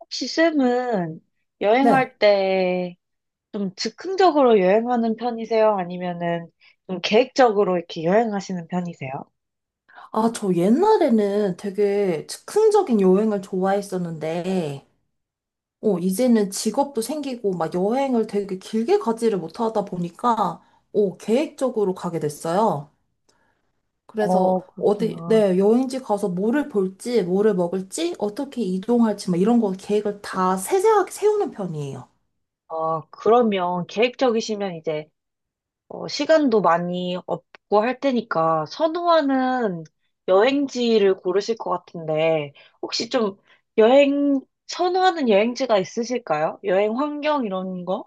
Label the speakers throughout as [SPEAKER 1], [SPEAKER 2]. [SPEAKER 1] 혹시 쌤은
[SPEAKER 2] 네.
[SPEAKER 1] 여행할 때 좀 즉흥적으로 여행하는 편이세요? 아니면은 좀 계획적으로 이렇게 여행하시는 편이세요?
[SPEAKER 2] 아, 저 옛날에는 되게 즉흥적인 여행을 좋아했었는데, 이제는 직업도 생기고, 막 여행을 되게 길게 가지를 못하다 보니까, 계획적으로 가게 됐어요. 그래서 어디,
[SPEAKER 1] 그렇구나.
[SPEAKER 2] 네, 여행지 가서 뭐를 볼지, 뭐를 먹을지, 어떻게 이동할지, 막 이런 거 계획을 다 세세하게 세우는 편이에요.
[SPEAKER 1] 그러면 계획적이시면 이제 시간도 많이 없고 할 테니까 선호하는 여행지를 고르실 것 같은데 혹시 좀 여행, 선호하는 여행지가 있으실까요? 여행 환경 이런 거?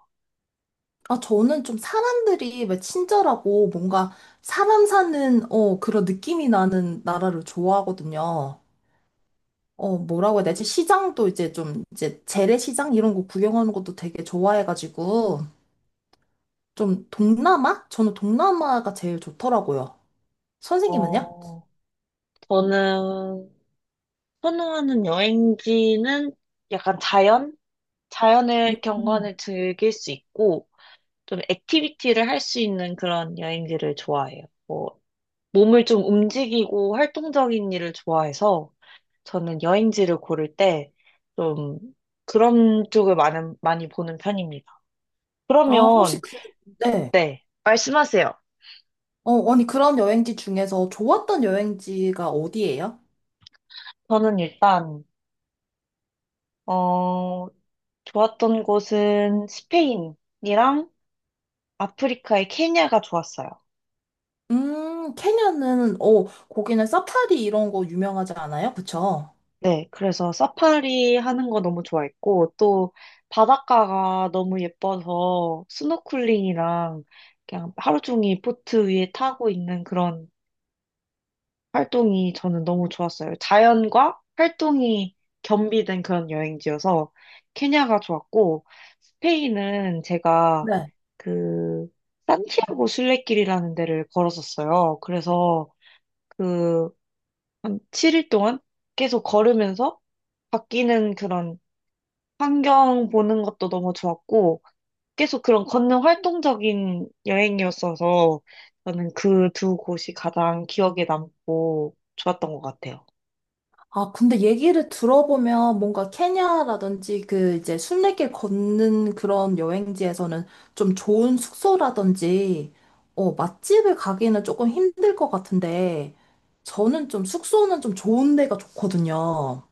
[SPEAKER 2] 아, 저는 좀 사람들이 왜 친절하고, 뭔가 사람 사는, 그런 느낌이 나는 나라를 좋아하거든요. 어, 뭐라고 해야 되지? 시장도 이제 좀, 이제 재래시장 이런 거 구경하는 것도 되게 좋아해가지고, 좀 동남아? 저는 동남아가 제일 좋더라고요. 선생님은요?
[SPEAKER 1] 어, 저는 선호하는 여행지는 약간 자연? 자연의
[SPEAKER 2] 음.
[SPEAKER 1] 경관을 즐길 수 있고, 좀 액티비티를 할 수 있는 그런 여행지를 좋아해요. 뭐, 몸을 좀 움직이고 활동적인 일을 좋아해서, 저는 여행지를 고를 때, 좀, 그런 쪽을 많이 보는 편입니다.
[SPEAKER 2] 아, 혹시
[SPEAKER 1] 그러면,
[SPEAKER 2] 그, 네.
[SPEAKER 1] 네, 말씀하세요.
[SPEAKER 2] 어, 아니, 그런 여행지 중에서 좋았던 여행지가 어디예요?
[SPEAKER 1] 저는 일단, 어, 좋았던 곳은 스페인이랑 아프리카의 케냐가 좋았어요.
[SPEAKER 2] 케냐는, 거기는 사파리 이런 거 유명하지 않아요? 그쵸?
[SPEAKER 1] 네, 그래서 사파리 하는 거 너무 좋아했고, 또 바닷가가 너무 예뻐서 스노클링이랑 그냥 하루 종일 보트 위에 타고 있는 그런 활동이 저는 너무 좋았어요. 자연과 활동이 겸비된 그런 여행지여서 케냐가 좋았고, 스페인은 제가
[SPEAKER 2] 네.
[SPEAKER 1] 그 산티아고 순례길이라는 데를 걸었었어요. 그래서 그 한 7일 동안 계속 걸으면서 바뀌는 그런 환경 보는 것도 너무 좋았고, 계속 그런 걷는 활동적인 여행이었어서, 저는 그 두 곳이 가장 기억에 남고 좋았던 것 같아요.
[SPEAKER 2] 아, 근데 얘기를 들어보면 뭔가 케냐라든지 그 이제 순례길 걷는 그런 여행지에서는 좀 좋은 숙소라든지, 맛집을 가기는 조금 힘들 것 같은데, 저는 좀 숙소는 좀 좋은 데가 좋거든요.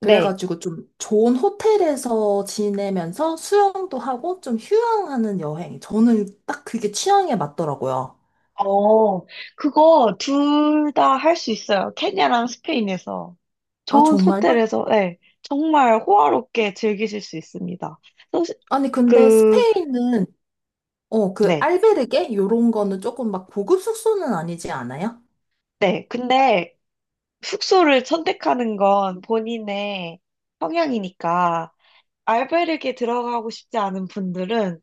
[SPEAKER 1] 네.
[SPEAKER 2] 그래가지고 좀 좋은 호텔에서 지내면서 수영도 하고 좀 휴양하는 여행. 저는 딱 그게 취향에 맞더라고요.
[SPEAKER 1] 어, 그거 둘 다 할 수 있어요. 케냐랑 스페인에서.
[SPEAKER 2] 아,
[SPEAKER 1] 좋은
[SPEAKER 2] 정말요?
[SPEAKER 1] 호텔에서, 네. 정말 호화롭게 즐기실 수 있습니다. 사실
[SPEAKER 2] 아니, 근데
[SPEAKER 1] 그,
[SPEAKER 2] 스페인은 그
[SPEAKER 1] 네.
[SPEAKER 2] 알베르게 요런 거는 조금 막 고급 숙소는 아니지 않아요?
[SPEAKER 1] 네. 근데 숙소를 선택하는 건 본인의 성향이니까, 알바르기에 들어가고 싶지 않은 분들은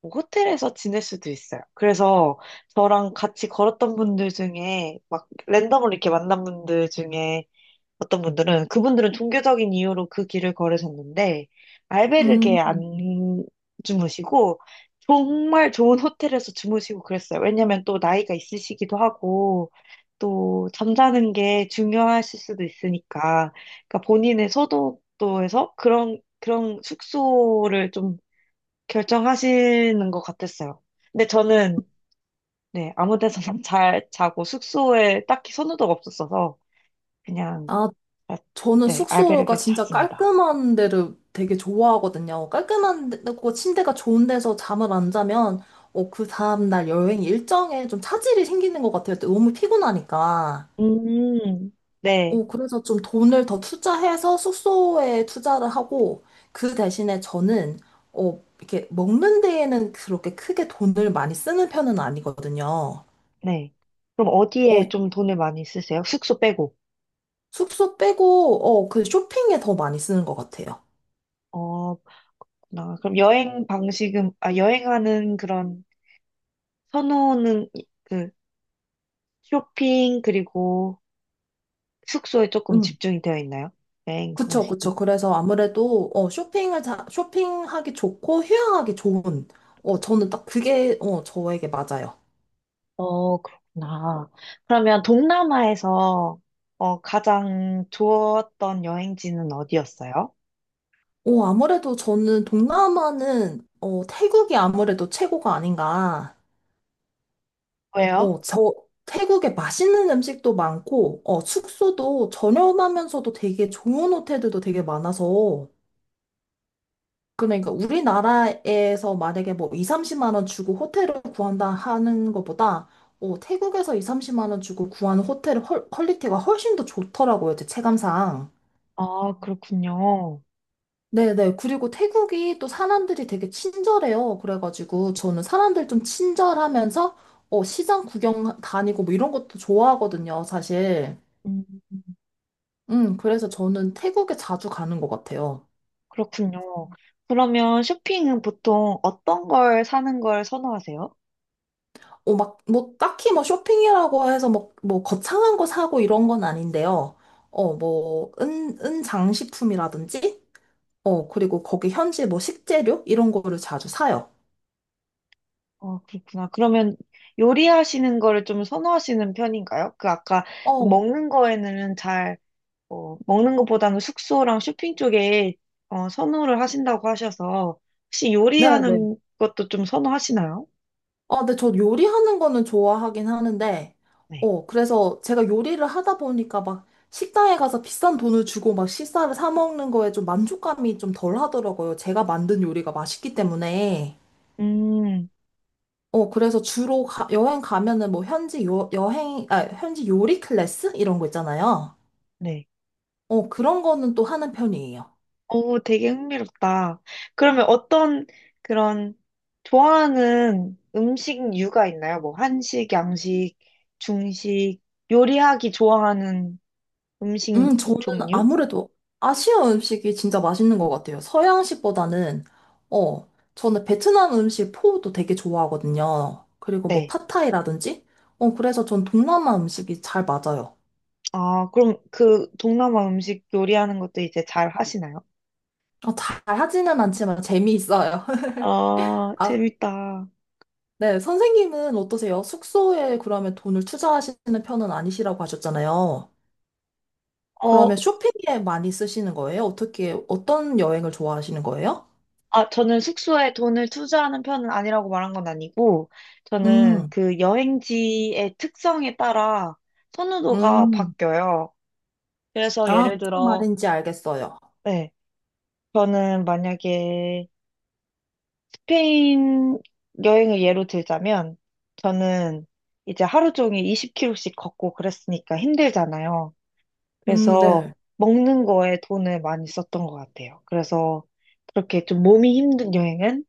[SPEAKER 1] 뭐 호텔에서 지낼 수도 있어요. 그래서 저랑 같이 걸었던 분들 중에 막 랜덤으로 이렇게 만난 분들 중에 어떤 분들은 그분들은 종교적인 이유로 그 길을 걸으셨는데 알베르게
[SPEAKER 2] 음,
[SPEAKER 1] 안 주무시고 정말 좋은 호텔에서 주무시고 그랬어요. 왜냐면 또 나이가 있으시기도 하고 또 잠자는 게 중요하실 수도 있으니까 그러니까 본인의 소득도에서 그런 숙소를 좀 결정하시는 것 같았어요. 근데 저는 네, 아무 데서나 잘 자고 숙소에 딱히 선호도가 없었어서 그냥
[SPEAKER 2] 아,
[SPEAKER 1] 아,
[SPEAKER 2] 저는
[SPEAKER 1] 네,
[SPEAKER 2] 숙소가
[SPEAKER 1] 알베르기에서
[SPEAKER 2] 진짜
[SPEAKER 1] 잤습니다.
[SPEAKER 2] 깔끔한 데를 되게 좋아하거든요. 깔끔한 데고 침대가 좋은 데서 잠을 안 자면 그 다음날 여행 일정에 좀 차질이 생기는 것 같아요. 너무 피곤하니까.
[SPEAKER 1] 음, 네.
[SPEAKER 2] 그래서 좀 돈을 더 투자해서 숙소에 투자를 하고 그 대신에 저는 이렇게 먹는 데에는 그렇게 크게 돈을 많이 쓰는 편은 아니거든요.
[SPEAKER 1] 네. 그럼
[SPEAKER 2] 어,
[SPEAKER 1] 어디에 좀 돈을 많이 쓰세요? 숙소 빼고.
[SPEAKER 2] 숙소 빼고, 그 쇼핑에 더 많이 쓰는 것 같아요.
[SPEAKER 1] 어, 그렇구나. 그럼 여행 방식은, 아, 여행하는 그런 선호는 그 쇼핑 그리고 숙소에 조금
[SPEAKER 2] 응.
[SPEAKER 1] 집중이 되어 있나요? 여행
[SPEAKER 2] 그쵸, 그쵸.
[SPEAKER 1] 방식이.
[SPEAKER 2] 그래서 아무래도, 쇼핑을, 자, 쇼핑하기 좋고, 휴양하기 좋은, 저는 딱 그게, 저에게 맞아요.
[SPEAKER 1] 그렇구나. 그러면 동남아에서 가장 좋았던 여행지는 어디였어요?
[SPEAKER 2] 어, 아무래도 저는 동남아는, 태국이 아무래도 최고가 아닌가.
[SPEAKER 1] 왜요?
[SPEAKER 2] 어, 저, 태국에 맛있는 음식도 많고, 숙소도 저렴하면서도 되게 좋은 호텔들도 되게 많아서, 그러니까 우리나라에서 만약에 뭐 2, 30만 원 주고 호텔을 구한다 하는 것보다 태국에서 2, 30만 원 주고 구하는 호텔의 퀄리티가 훨씬 더 좋더라고요, 제 체감상.
[SPEAKER 1] 아, 그렇군요.
[SPEAKER 2] 네네. 그리고 태국이 또 사람들이 되게 친절해요. 그래가지고 저는 사람들 좀 친절하면서 시장 구경 다니고 뭐 이런 것도 좋아하거든요, 사실.
[SPEAKER 1] 음.
[SPEAKER 2] 그래서 저는 태국에 자주 가는 것 같아요.
[SPEAKER 1] 그렇군요. 그러면 쇼핑은 보통 어떤 걸 사는 걸 선호하세요?
[SPEAKER 2] 딱히 뭐 쇼핑이라고 해서 거창한 거 사고 이런 건 아닌데요. 은 장식품이라든지, 그리고 거기 현지 뭐 식재료? 이런 거를 자주 사요.
[SPEAKER 1] 그렇구나. 그러면 요리하시는 거를 좀 선호하시는 편인가요? 그 아까 좀
[SPEAKER 2] 어,
[SPEAKER 1] 먹는 거에는 잘, 먹는 것보다는 숙소랑 쇼핑 쪽에 선호를 하신다고 하셔서 혹시
[SPEAKER 2] 네네.
[SPEAKER 1] 요리하는 것도 좀 선호하시나요?
[SPEAKER 2] 아, 근데 저 요리하는 거는 좋아하긴 하는데,
[SPEAKER 1] 네.
[SPEAKER 2] 그래서 제가 요리를 하다 보니까 막 식당에 가서 비싼 돈을 주고 막 식사를 사 먹는 거에 좀 만족감이 좀 덜 하더라고요. 제가 만든 요리가 맛있기 때문에.
[SPEAKER 1] 음,
[SPEAKER 2] 그래서 주로 여행 가면은 뭐 현지 요, 여행, 아, 현지 요리 클래스? 이런 거 있잖아요.
[SPEAKER 1] 네.
[SPEAKER 2] 그런 거는 또 하는 편이에요.
[SPEAKER 1] 오, 되게 흥미롭다. 그러면 어떤 그런 좋아하는 음식 류가 있나요? 뭐 한식, 양식, 중식, 요리하기 좋아하는 음식
[SPEAKER 2] 저는
[SPEAKER 1] 종류?
[SPEAKER 2] 아무래도 아시아 음식이 진짜 맛있는 것 같아요. 서양식보다는, 어, 저는 베트남 음식 포도 되게 좋아하거든요. 그리고 뭐
[SPEAKER 1] 네.
[SPEAKER 2] 팟타이라든지? 그래서 전 동남아 음식이 잘 맞아요.
[SPEAKER 1] 아, 그럼 그 동남아 음식 요리하는 것도 이제 잘 하시나요?
[SPEAKER 2] 어, 잘 하지는 않지만 재미있어요.
[SPEAKER 1] 아,
[SPEAKER 2] 아,
[SPEAKER 1] 재밌다.
[SPEAKER 2] 네, 선생님은 어떠세요? 숙소에 그러면 돈을 투자하시는 편은 아니시라고 하셨잖아요.
[SPEAKER 1] 어,
[SPEAKER 2] 그러면 쇼핑에 많이 쓰시는 거예요? 어떻게, 어떤 여행을 좋아하시는 거예요?
[SPEAKER 1] 아, 저는 숙소에 돈을 투자하는 편은 아니라고 말한 건 아니고, 저는
[SPEAKER 2] 음,
[SPEAKER 1] 그 여행지의 특성에 따라 선호도가
[SPEAKER 2] 음.
[SPEAKER 1] 바뀌어요. 그래서
[SPEAKER 2] 아,
[SPEAKER 1] 예를
[SPEAKER 2] 무슨
[SPEAKER 1] 들어,
[SPEAKER 2] 말인지 알겠어요.
[SPEAKER 1] 네, 저는 만약에 스페인 여행을 예로 들자면, 저는 이제 하루 종일 20km씩 걷고 그랬으니까 힘들잖아요. 그래서
[SPEAKER 2] 네.
[SPEAKER 1] 먹는 거에 돈을 많이 썼던 것 같아요. 그래서 그렇게 좀 몸이 힘든 여행은,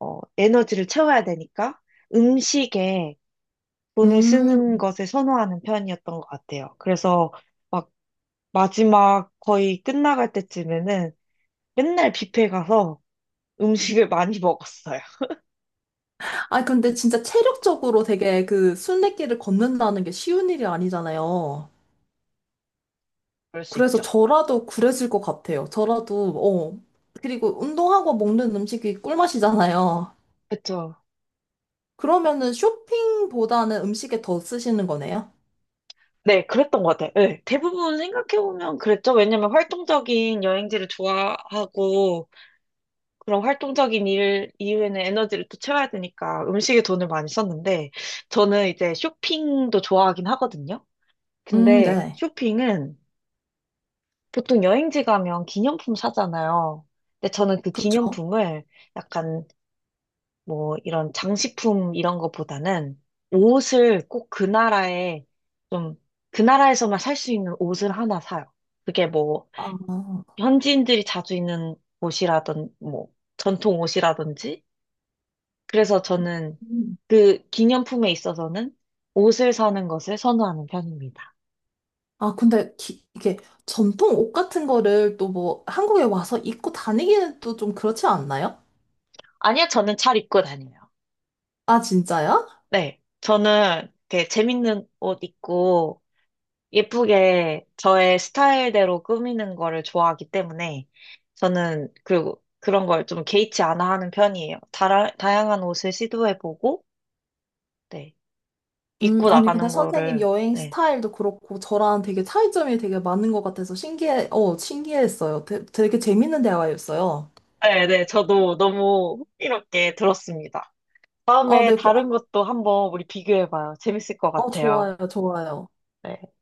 [SPEAKER 1] 에너지를 채워야 되니까 음식에 돈을
[SPEAKER 2] 음.
[SPEAKER 1] 쓰는 것을 선호하는 편이었던 것 같아요. 그래서 막 마지막 거의 끝나갈 때쯤에는 맨날 뷔페 가서 음식을 많이 먹었어요.
[SPEAKER 2] 아, 근데 진짜 체력적으로 되게 그 순례길을 걷는다는 게 쉬운 일이 아니잖아요.
[SPEAKER 1] 그럴 수
[SPEAKER 2] 그래서
[SPEAKER 1] 있죠.
[SPEAKER 2] 저라도 그랬을 것 같아요. 저라도, 어. 그리고 운동하고 먹는 음식이 꿀맛이잖아요.
[SPEAKER 1] 그쵸.
[SPEAKER 2] 그러면은 쇼핑보다는 음식에 더 쓰시는 거네요?
[SPEAKER 1] 네, 그랬던 것 같아요. 네, 대부분 생각해보면 그랬죠. 왜냐면 활동적인 여행지를 좋아하고, 그런 활동적인 일 이후에는 에너지를 또 채워야 되니까 음식에 돈을 많이 썼는데, 저는 이제 쇼핑도 좋아하긴 하거든요. 근데
[SPEAKER 2] 네.
[SPEAKER 1] 쇼핑은 보통 여행지 가면 기념품 사잖아요. 근데 저는 그
[SPEAKER 2] 그쵸.
[SPEAKER 1] 기념품을 약간 뭐 이런 장식품 이런 거보다는 옷을 꼭 그 나라에 좀 그 나라에서만 살 수 있는 옷을 하나 사요. 그게 뭐
[SPEAKER 2] 아,
[SPEAKER 1] 현지인들이 자주 입는 옷이라든 뭐 전통 옷이라든지 그래서 저는
[SPEAKER 2] 음.
[SPEAKER 1] 그 기념품에 있어서는 옷을 사는 것을 선호하는 편입니다.
[SPEAKER 2] 아, 근데 이게 전통 옷 같은 거를 또 뭐 한국에 와서 입고 다니기는 또 좀 그렇지 않나요?
[SPEAKER 1] 아니요, 저는 잘 입고 다녀요.
[SPEAKER 2] 아, 진짜요?
[SPEAKER 1] 네, 저는 되게 재밌는 옷 입고 예쁘게 저의 스타일대로 꾸미는 거를 좋아하기 때문에 저는 그리고 그런 걸 좀 개의치 않아 하는 편이에요. 다양한 옷을 시도해보고 네, 입고
[SPEAKER 2] 아니, 근데
[SPEAKER 1] 나가는
[SPEAKER 2] 선생님
[SPEAKER 1] 거를
[SPEAKER 2] 여행
[SPEAKER 1] 네.
[SPEAKER 2] 스타일도 그렇고 저랑 되게 차이점이 되게 많은 것 같아서 신기했어요. 되게 재밌는 대화였어요.
[SPEAKER 1] 네, 네, 저도 너무 흥미롭게 들었습니다.
[SPEAKER 2] 아,
[SPEAKER 1] 다음에
[SPEAKER 2] 네, 그, 아,
[SPEAKER 1] 다른 것도 한번 우리 비교해봐요. 재밌을 것 같아요.
[SPEAKER 2] 좋아요, 좋아요.
[SPEAKER 1] 네.